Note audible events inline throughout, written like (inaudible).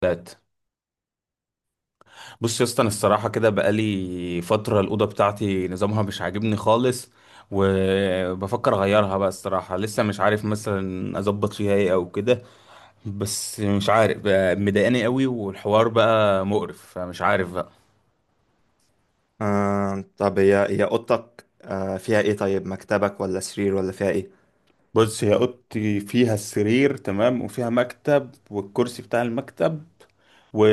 ثلاث. بص يا اسطى، انا الصراحه كده بقالي فتره الاوضه بتاعتي نظامها مش عاجبني خالص، وبفكر اغيرها بقى. الصراحه لسه مش عارف مثلا اظبط فيها ايه او كده. بس مش عارف بقى، مضايقاني قوي والحوار بقى مقرف، فمش عارف بقى. آه طب هي أوضتك فيها إيه؟ طيب مكتبك ولا سرير ولا فيها إيه؟ بص هي اوضتي فيها السرير تمام، وفيها مكتب والكرسي بتاع المكتب و...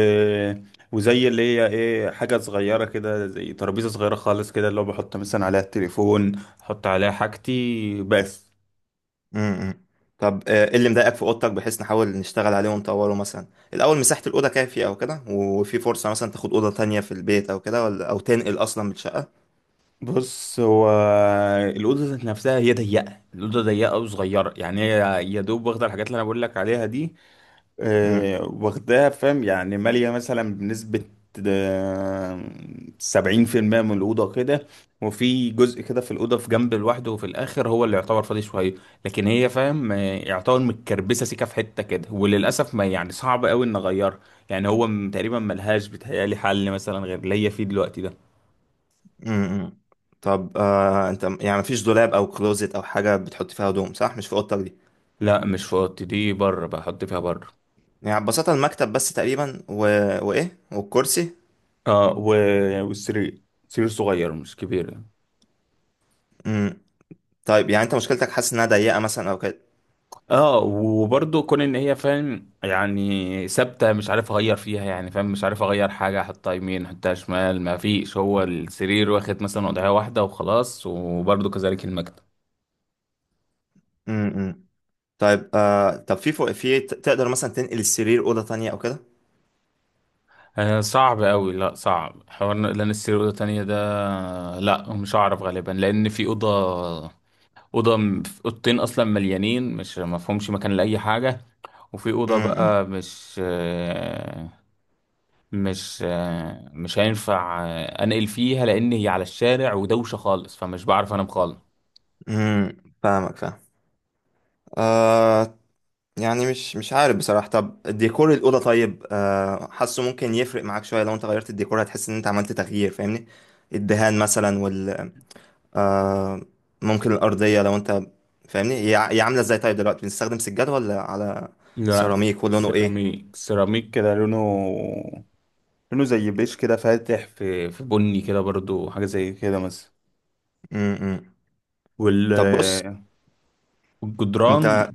وزي اللي هي ايه حاجه صغيره كده، زي ترابيزه صغيره خالص كده، اللي هو بحط مثلا عليها التليفون، احط عليها حاجتي بس. امم. طب إيه اللي مضايقك في أوضتك، بحيث نحاول نشتغل عليه ونطوره مثلا؟ الأول مساحة الأوضة كافية أو كده، وفي فرصة مثلا تاخد أوضة تانية في البيت أو كده، ولا تنقل أصلا من الشقة؟ بص هو الأوضة ذات نفسها هي ضيقة، الأوضة ضيقة وصغيرة، يعني هي يا دوب واخدة الحاجات اللي أنا بقول لك عليها دي. امم، واخداها فاهم، يعني مالية مثلا بنسبة آه، 70% من الأوضة كده. وفي جزء كده في الأوضة في جنب لوحده، وفي الآخر هو اللي يعتبر فاضي شوية. لكن هي فاهم يعتبر متكربسة سيكة في حتة كده، وللأسف ما يعني صعب أوي إن أغيرها. يعني هو تقريبا ملهاش بيتهيألي حل مثلا غير اللي هي فيه دلوقتي ده. امم. طب أنت، يعني مفيش دولاب أو كلوزت أو حاجة بتحط فيها هدوم، صح؟ مش في أوضتك دي. لا مش في اوضتي دي، بره بحط فيها بره. يعني ببساطة المكتب بس تقريبا وإيه؟ والكرسي؟ اه و... والسرير، سرير صغير مش كبير يعني. امم. طيب يعني أنت مشكلتك حاسس إنها ضيقة مثلا أو كده؟ اه وبرضه كون ان هي فاهم يعني ثابته، مش عارف اغير فيها يعني فاهم، مش عارف اغير حاجه، احطها يمين احطها شمال، ما فيش، هو السرير واخد مثلا وضعيه واحده وخلاص، وبرضه كذلك المكتب. امم. طيب آه طب في فوق، تقدر مثلا تنقل السرير أوضة تانية أو كده؟ آه صعب قوي، لا صعب حوار لان السرير اوضه تانية ده، لا مش هعرف غالبا لان في اوضه، اوضه اوضتين اصلا مليانين، مش مفهومش مكان لاي حاجه. وفي أوضة امم، بقى مش هينفع أنقل فيها، لأن هي على الشارع ودوشة خالص، فمش بعرف أنام خالص. امم. فاهمك فاهم. آه يعني مش عارف بصراحة. طب ديكور الأوضة، طيب حاسه ممكن يفرق معاك شوية، لو أنت غيرت الديكور هتحس إن أنت عملت تغيير، فاهمني؟ الدهان مثلا، وال آه ممكن الأرضية لو أنت، فاهمني، هي عاملة إزاي؟ طيب دلوقتي بنستخدم سجاد ولا على لا، سيراميك؟ ولونه إيه؟ سيراميك، سيراميك كده لونه، لونه زي بيش كده، فاتح في بني كده برضو، حاجة زي كده مثلا. امم. وال طب بص والجدران، أنت،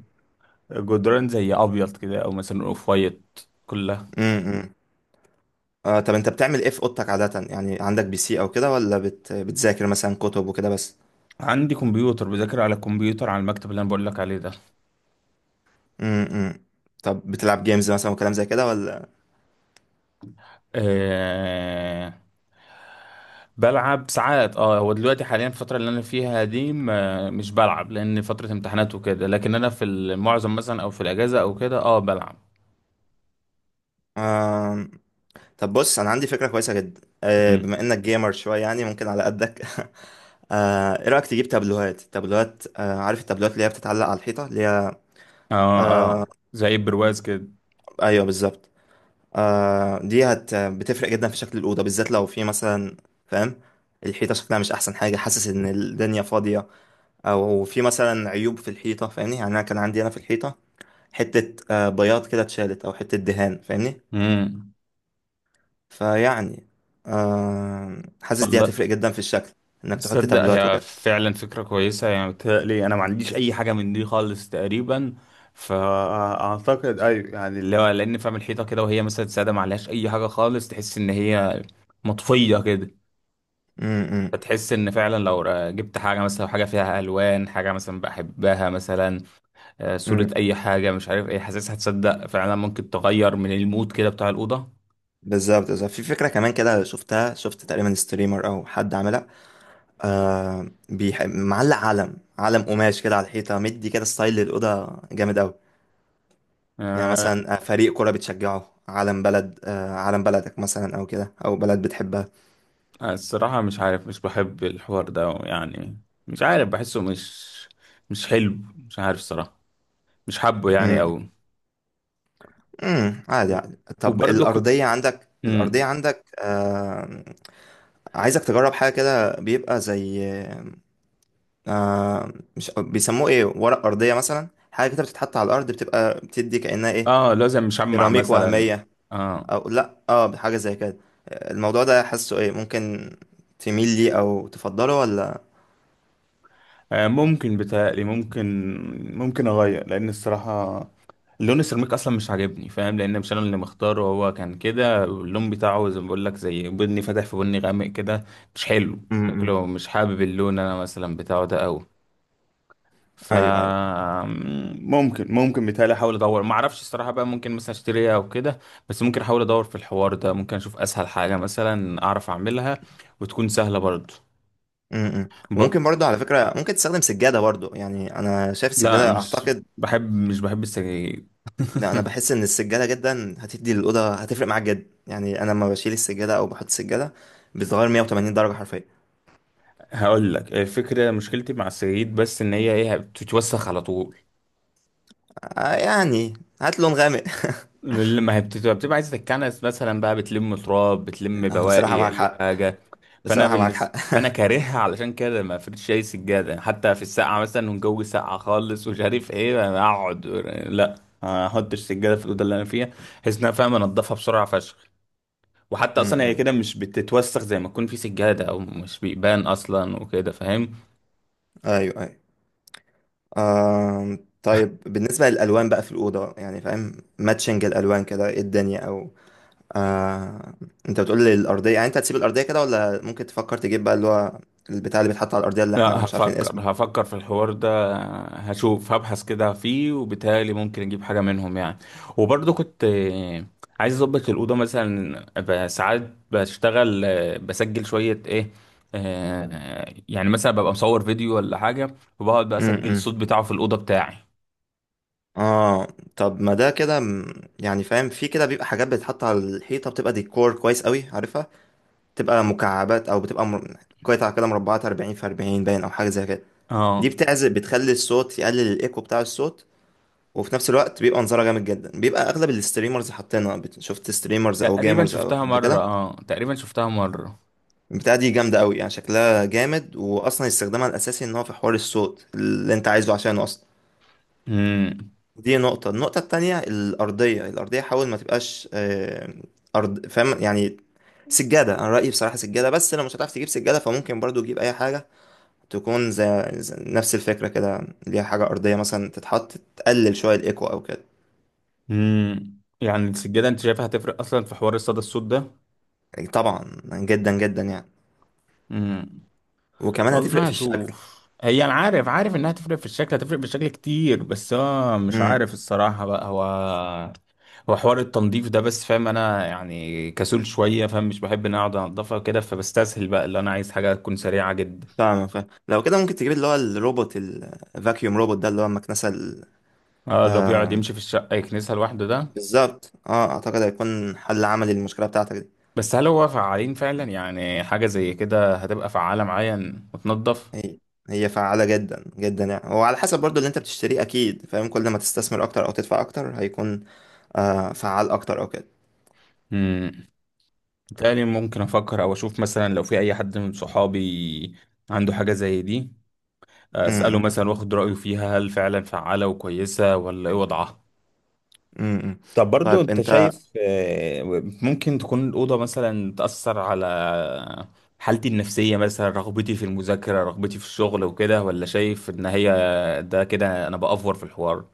الجدران زي أبيض كده، أو مثلا أوف وايت كلها. امم آه طب انت بتعمل ايه في اوضتك عادة؟ يعني عندك PC او كده، ولا بتذاكر مثلا كتب وكده بس؟ عندي كمبيوتر، بذاكر على الكمبيوتر على المكتب اللي أنا بقول لك عليه ده. امم. طب بتلعب جيمز مثلا وكلام زي كده، ولا؟ آه، بلعب ساعات، اه هو دلوقتي حاليا الفترة اللي انا فيها دي ما مش بلعب لان فترة امتحانات وكده، لكن انا في المعظم مثلا او في الاجازة او كده اه بلعب. آه... طب بص، انا عندي فكرة كويسة جدا. بما مم. انك جيمر شوية، يعني ممكن على قدك. (laughs) ايه رأيك تجيب تابلوهات؟ تابلوهات، عارف التابلوهات اللي هي بتتعلق على الحيطة؟ اللي هي، اه، اه زي برواز كده. ايوه بالظبط. دي بتفرق جدا في شكل الأوضة، بالذات لو في مثلا، فاهم، الحيطة شكلها مش أحسن حاجة، حاسس إن الدنيا فاضية. او في مثلا عيوب في الحيطه، فاهمني، يعني انا كان عندي في الحيطه حته، بياض كده اتشالت، او حته دهان، فاهمني. امم. فيعني حاسس دي والله، هتفرق جدا في الشكل، انك تحط تصدق تابلوات هي وكده. فعلا فكرة كويسة، يعني بتهيألي انا ما عنديش اي حاجة من دي خالص تقريبا. فاعتقد ايوه، يعني اللي هو لان فاهم الحيطة كده وهي مثلا سادة ما عليهاش اي حاجة خالص، تحس ان هي مطفية كده. امم، فتحس ان فعلا لو جبت حاجه مثلا، حاجه فيها الوان، حاجه مثلا بحبها مثلا صوره، امم. اي حاجه مش عارف ايه، حاسسها هتصدق فعلا ممكن تغير من المود كده بتاع الاوضه. بالظبط، بالظبط. في فكره كمان كده، شفت تقريبا ستريمر او حد عاملها، معلق علم قماش كده على الحيطه، مدي كده ستايل للاوضه جامد قوي. يعني آه، مثلا، فريق كوره بتشجعه، علم بلدك مثلا او كده، او بلد بتحبها. الصراحه مش عارف، مش بحب الحوار ده يعني، مش عارف بحسه مش، مش حلو، مش عارف الصراحه، مش حابه يعني قوي. امم. عادي، عادي. طب وبرضه كنت. الأرضية عندك، مم. عايزك تجرب حاجة كده، بيبقى زي، آه... مش بيسموه ايه، ورق أرضية مثلا، حاجة كده بتتحط على الأرض، بتدي كأنها ايه، اه لازم مشمع سيراميك مثلا. وهمية، اه، أو لأ اه حاجة زي كده. الموضوع ده حاسه ايه ممكن، تميل ليه أو تفضله، ولا؟ ممكن بتهيألي ممكن، ممكن اغير لان الصراحه لون السيراميك اصلا مش عاجبني فاهم، لان مش انا اللي مختاره، هو كان كده اللون بتاعه زي ما بقول لك، زي بني فاتح في بني غامق كده، مش حلو امم. شكله، مش حابب اللون انا مثلا بتاعه ده قوي. ف، ايوه، ايوه. ممكن ممكن بيتهيألي احاول ادور، ما اعرفش الصراحه بقى، ممكن مثلا اشتريها او كده. بس ممكن احاول ادور في الحوار ده، ممكن اشوف اسهل حاجه مثلا اعرف اعملها، وتكون سهله برضه. امم، ب... وممكن برضه على فكرة، ممكن تستخدم سجادة برضه، يعني أنا شايف لا، السجادة مش أعتقد. بحب مش بحب السجاير. لا، انا بحس ان السجاده جدا هتدي للاوضه، هتفرق معاك جدا. يعني انا لما بشيل السجاده او بحط السجاده، بتتغير 180 درجه حرفيا. هقول لك الفكره، مشكلتي مع السجاير بس ان هي ايه بتتوسخ على طول، يعني هات لون غامق. لما هي بتبقى عايزه تتكنس مثلا بقى، بتلم تراب، بتلم (laughs) بصراحه بواقي معاك اي حق. حاجه. فانا بصراحه معاك حق. بالنسبه، (laughs) فانا كارهها علشان كده، ما فرش اي سجاده يعني، حتى في السقعه مثلا والجو ساقع خالص ومش عارف ايه أنا اقعد، لا، ما احطش سجاده في الاوضه اللي انا فيها، بحيث ان انا فاهم انضفها بسرعه فشخ، وحتى اصلا هي م-م. كده مش بتتوسخ زي ما تكون في سجاده، او مش بيبان اصلا وكده فاهم. ايوه، ايوه. طيب بالنسبه للالوان بقى في الاوضه، يعني فاهم، ماتشنج الالوان كده، ايه الدنيا او، آه انت بتقول لي الارضيه، يعني انت هتسيب الارضيه كده، ولا ممكن تفكر تجيب بقى اللي هو البتاع اللي بيتحط على الارضيه اللي احنا لا، مش عارفين هفكر اسمه؟ هفكر في الحوار ده، هشوف هبحث كده فيه، وبالتالي ممكن اجيب حاجة منهم يعني. وبرضه كنت عايز اظبط الأوضة مثلا ساعات بشتغل، بسجل شوية ايه، يعني مثلا ببقى مصور فيديو ولا حاجة، وبقعد بقى اسجل م-م. الصوت بتاعه في الأوضة بتاعي. اه، طب ما ده كده، يعني فاهم، في كده بيبقى حاجات بتتحط على الحيطة بتبقى ديكور كويس قوي، عارفها، بتبقى مكعبات او بتبقى قطع كده مربعات 40 في 40 باين، او حاجة زي كده. دي اه بتعزل، بتخلي الصوت يقلل الايكو بتاع الصوت. وفي نفس الوقت بيبقى منظرها جامد جدا، بيبقى اغلب الستريمرز حاطينها، شفت ستريمرز او تقريبا جيمرز او شفتها قبل مرة، كده؟ اه تقريبا شفتها مرة. البتاعة دي جامدة قوي، يعني شكلها جامد، واصلا استخدامها الاساسي ان هو في حوار الصوت اللي انت عايزه عشانه اصلا. امم. دي نقطة. النقطة التانية الأرضية، حاول ما تبقاش أرض، فاهم يعني. سجادة، أنا رأيي بصراحة سجادة. بس لو مش هتعرف تجيب سجادة فممكن برضو تجيب أي حاجة تكون زي نفس الفكرة كده، ليها حاجة أرضية مثلا تتحط تقلل شوية الإيكو أو كده. يعني السجادة انت شايفها هتفرق اصلا في حوار الصدى الصوت يعني طبعا، جدا جدا يعني. ده؟ وكمان هتفرق والله في الشكل. اشوف هي، انا عارف عارف انها هتفرق في الشكل، هتفرق في الشكل كتير، بس هو مش امم. عارف الصراحة بقى، هو حوار التنظيف ده بس فاهم انا يعني كسول شوية فاهم، مش بحب ان انا اقعد انضفها كده، فبستسهل بقى، اللي انا عايز حاجة تكون سريعة جدا. فاهم فاهم. لو كده ممكن تجيب اللي هو الروبوت الفاكيوم، روبوت ده اللي هو المكنسة اه اللي هو بيقعد آه يمشي في الشقة يكنسها لوحده ده. بالظبط. اه اعتقد هيكون حل عملي للمشكلة بتاعتك دي. بس هل هو فعالين فعلا يعني؟ حاجة زي كده هتبقى فعالة معايا إن وتنضف. هي هي فعالة جدا جدا يعني. وعلى حسب برضو اللي انت بتشتريه، اكيد فاهم، كل ما تستثمر اكتر او تدفع اكتر هيكون فعال اكتر او كده. امم. بالتالي ممكن افكر او اشوف مثلا لو في اي حد من صحابي عنده حاجة زي دي، امم، اساله امم. مثلا واخد رايه فيها هل فعلا فعاله وكويسه ولا ايه وضعها. إمم، إمم. طب برضو طيب انت انت شايف ممكن تكون الأوضة مثلا تأثر على حالتي النفسية، مثلا رغبتي في المذاكرة، رغبتي في الشغل وكده، ولا شايف ان هي، ده كده انا بأفور في الحوار.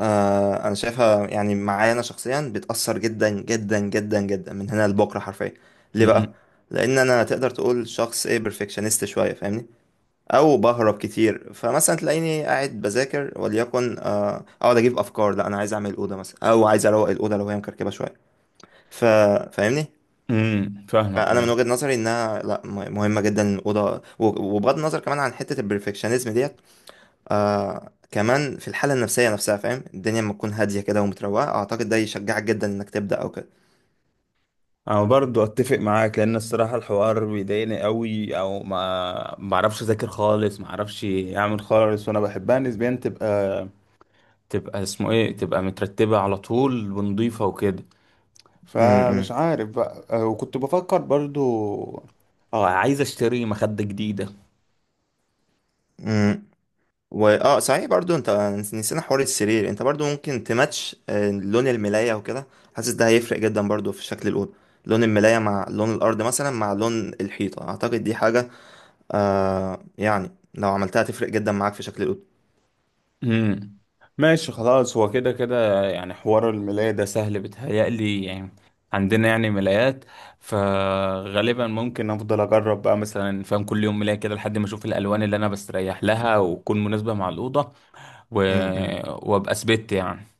آه انا شايفها، يعني معايا انا شخصيا بتأثر جدا جدا جدا جدا، من هنا لبكرة حرفيا. ليه بقى؟ امم. لان انا تقدر تقول شخص، ايه، بيرفكشنست شوية، فاهمني، او بهرب كتير. فمثلا تلاقيني قاعد بذاكر، وليكن اقعد اجيب افكار: لا انا عايز اعمل الاوضه مثلا، او عايز اروق الاوضه لو هي مكركبه شويه. ف... فاهمني؟ أمم، فاهمك فانا من ايوه. وجهة نظري انها لا م- مهمه جدا الاوضه. و- وبغض النظر كمان عن حته البرفكشنزم ديت، كمان في الحاله النفسيه نفسها. فاهم، الدنيا لما تكون هاديه كده ومتروقه، اعتقد ده يشجعك جدا انك تبدا او كده. انا برضو اتفق معاك لان الصراحة الحوار بيضايقني قوي، او ما اعرفش اذاكر خالص، ما اعرفش اعمل خالص، وانا بحبها نسبيا تبقى، تبقى اسمه ايه، تبقى مترتبة على طول ونضيفة وكده. فمش امم، عارف بقى. وكنت بفكر برضو اه عايز اشتري مخدة جديدة. امم. واه صحيح، برضو انت نسينا حوار السرير. انت برضو ممكن تماتش لون الملايه وكده. حاسس ده هيفرق جدا برضو في شكل الاوضه، لون الملايه مع لون الارض مثلا مع لون الحيطه. اعتقد دي حاجه يعني لو عملتها تفرق جدا معاك في شكل الاوضه. امم. ماشي خلاص، هو كده كده يعني حوار الملاية ده سهل بيتهيألي يعني، عندنا يعني ملايات، فغالبا ممكن افضل اجرب بقى مثلا فاهم كل يوم ملاية كده لحد ما اشوف الالوان اللي انا بستريح لها وتكون مناسبة مع الأوضة، و... امم. وابقى ثبت يعني.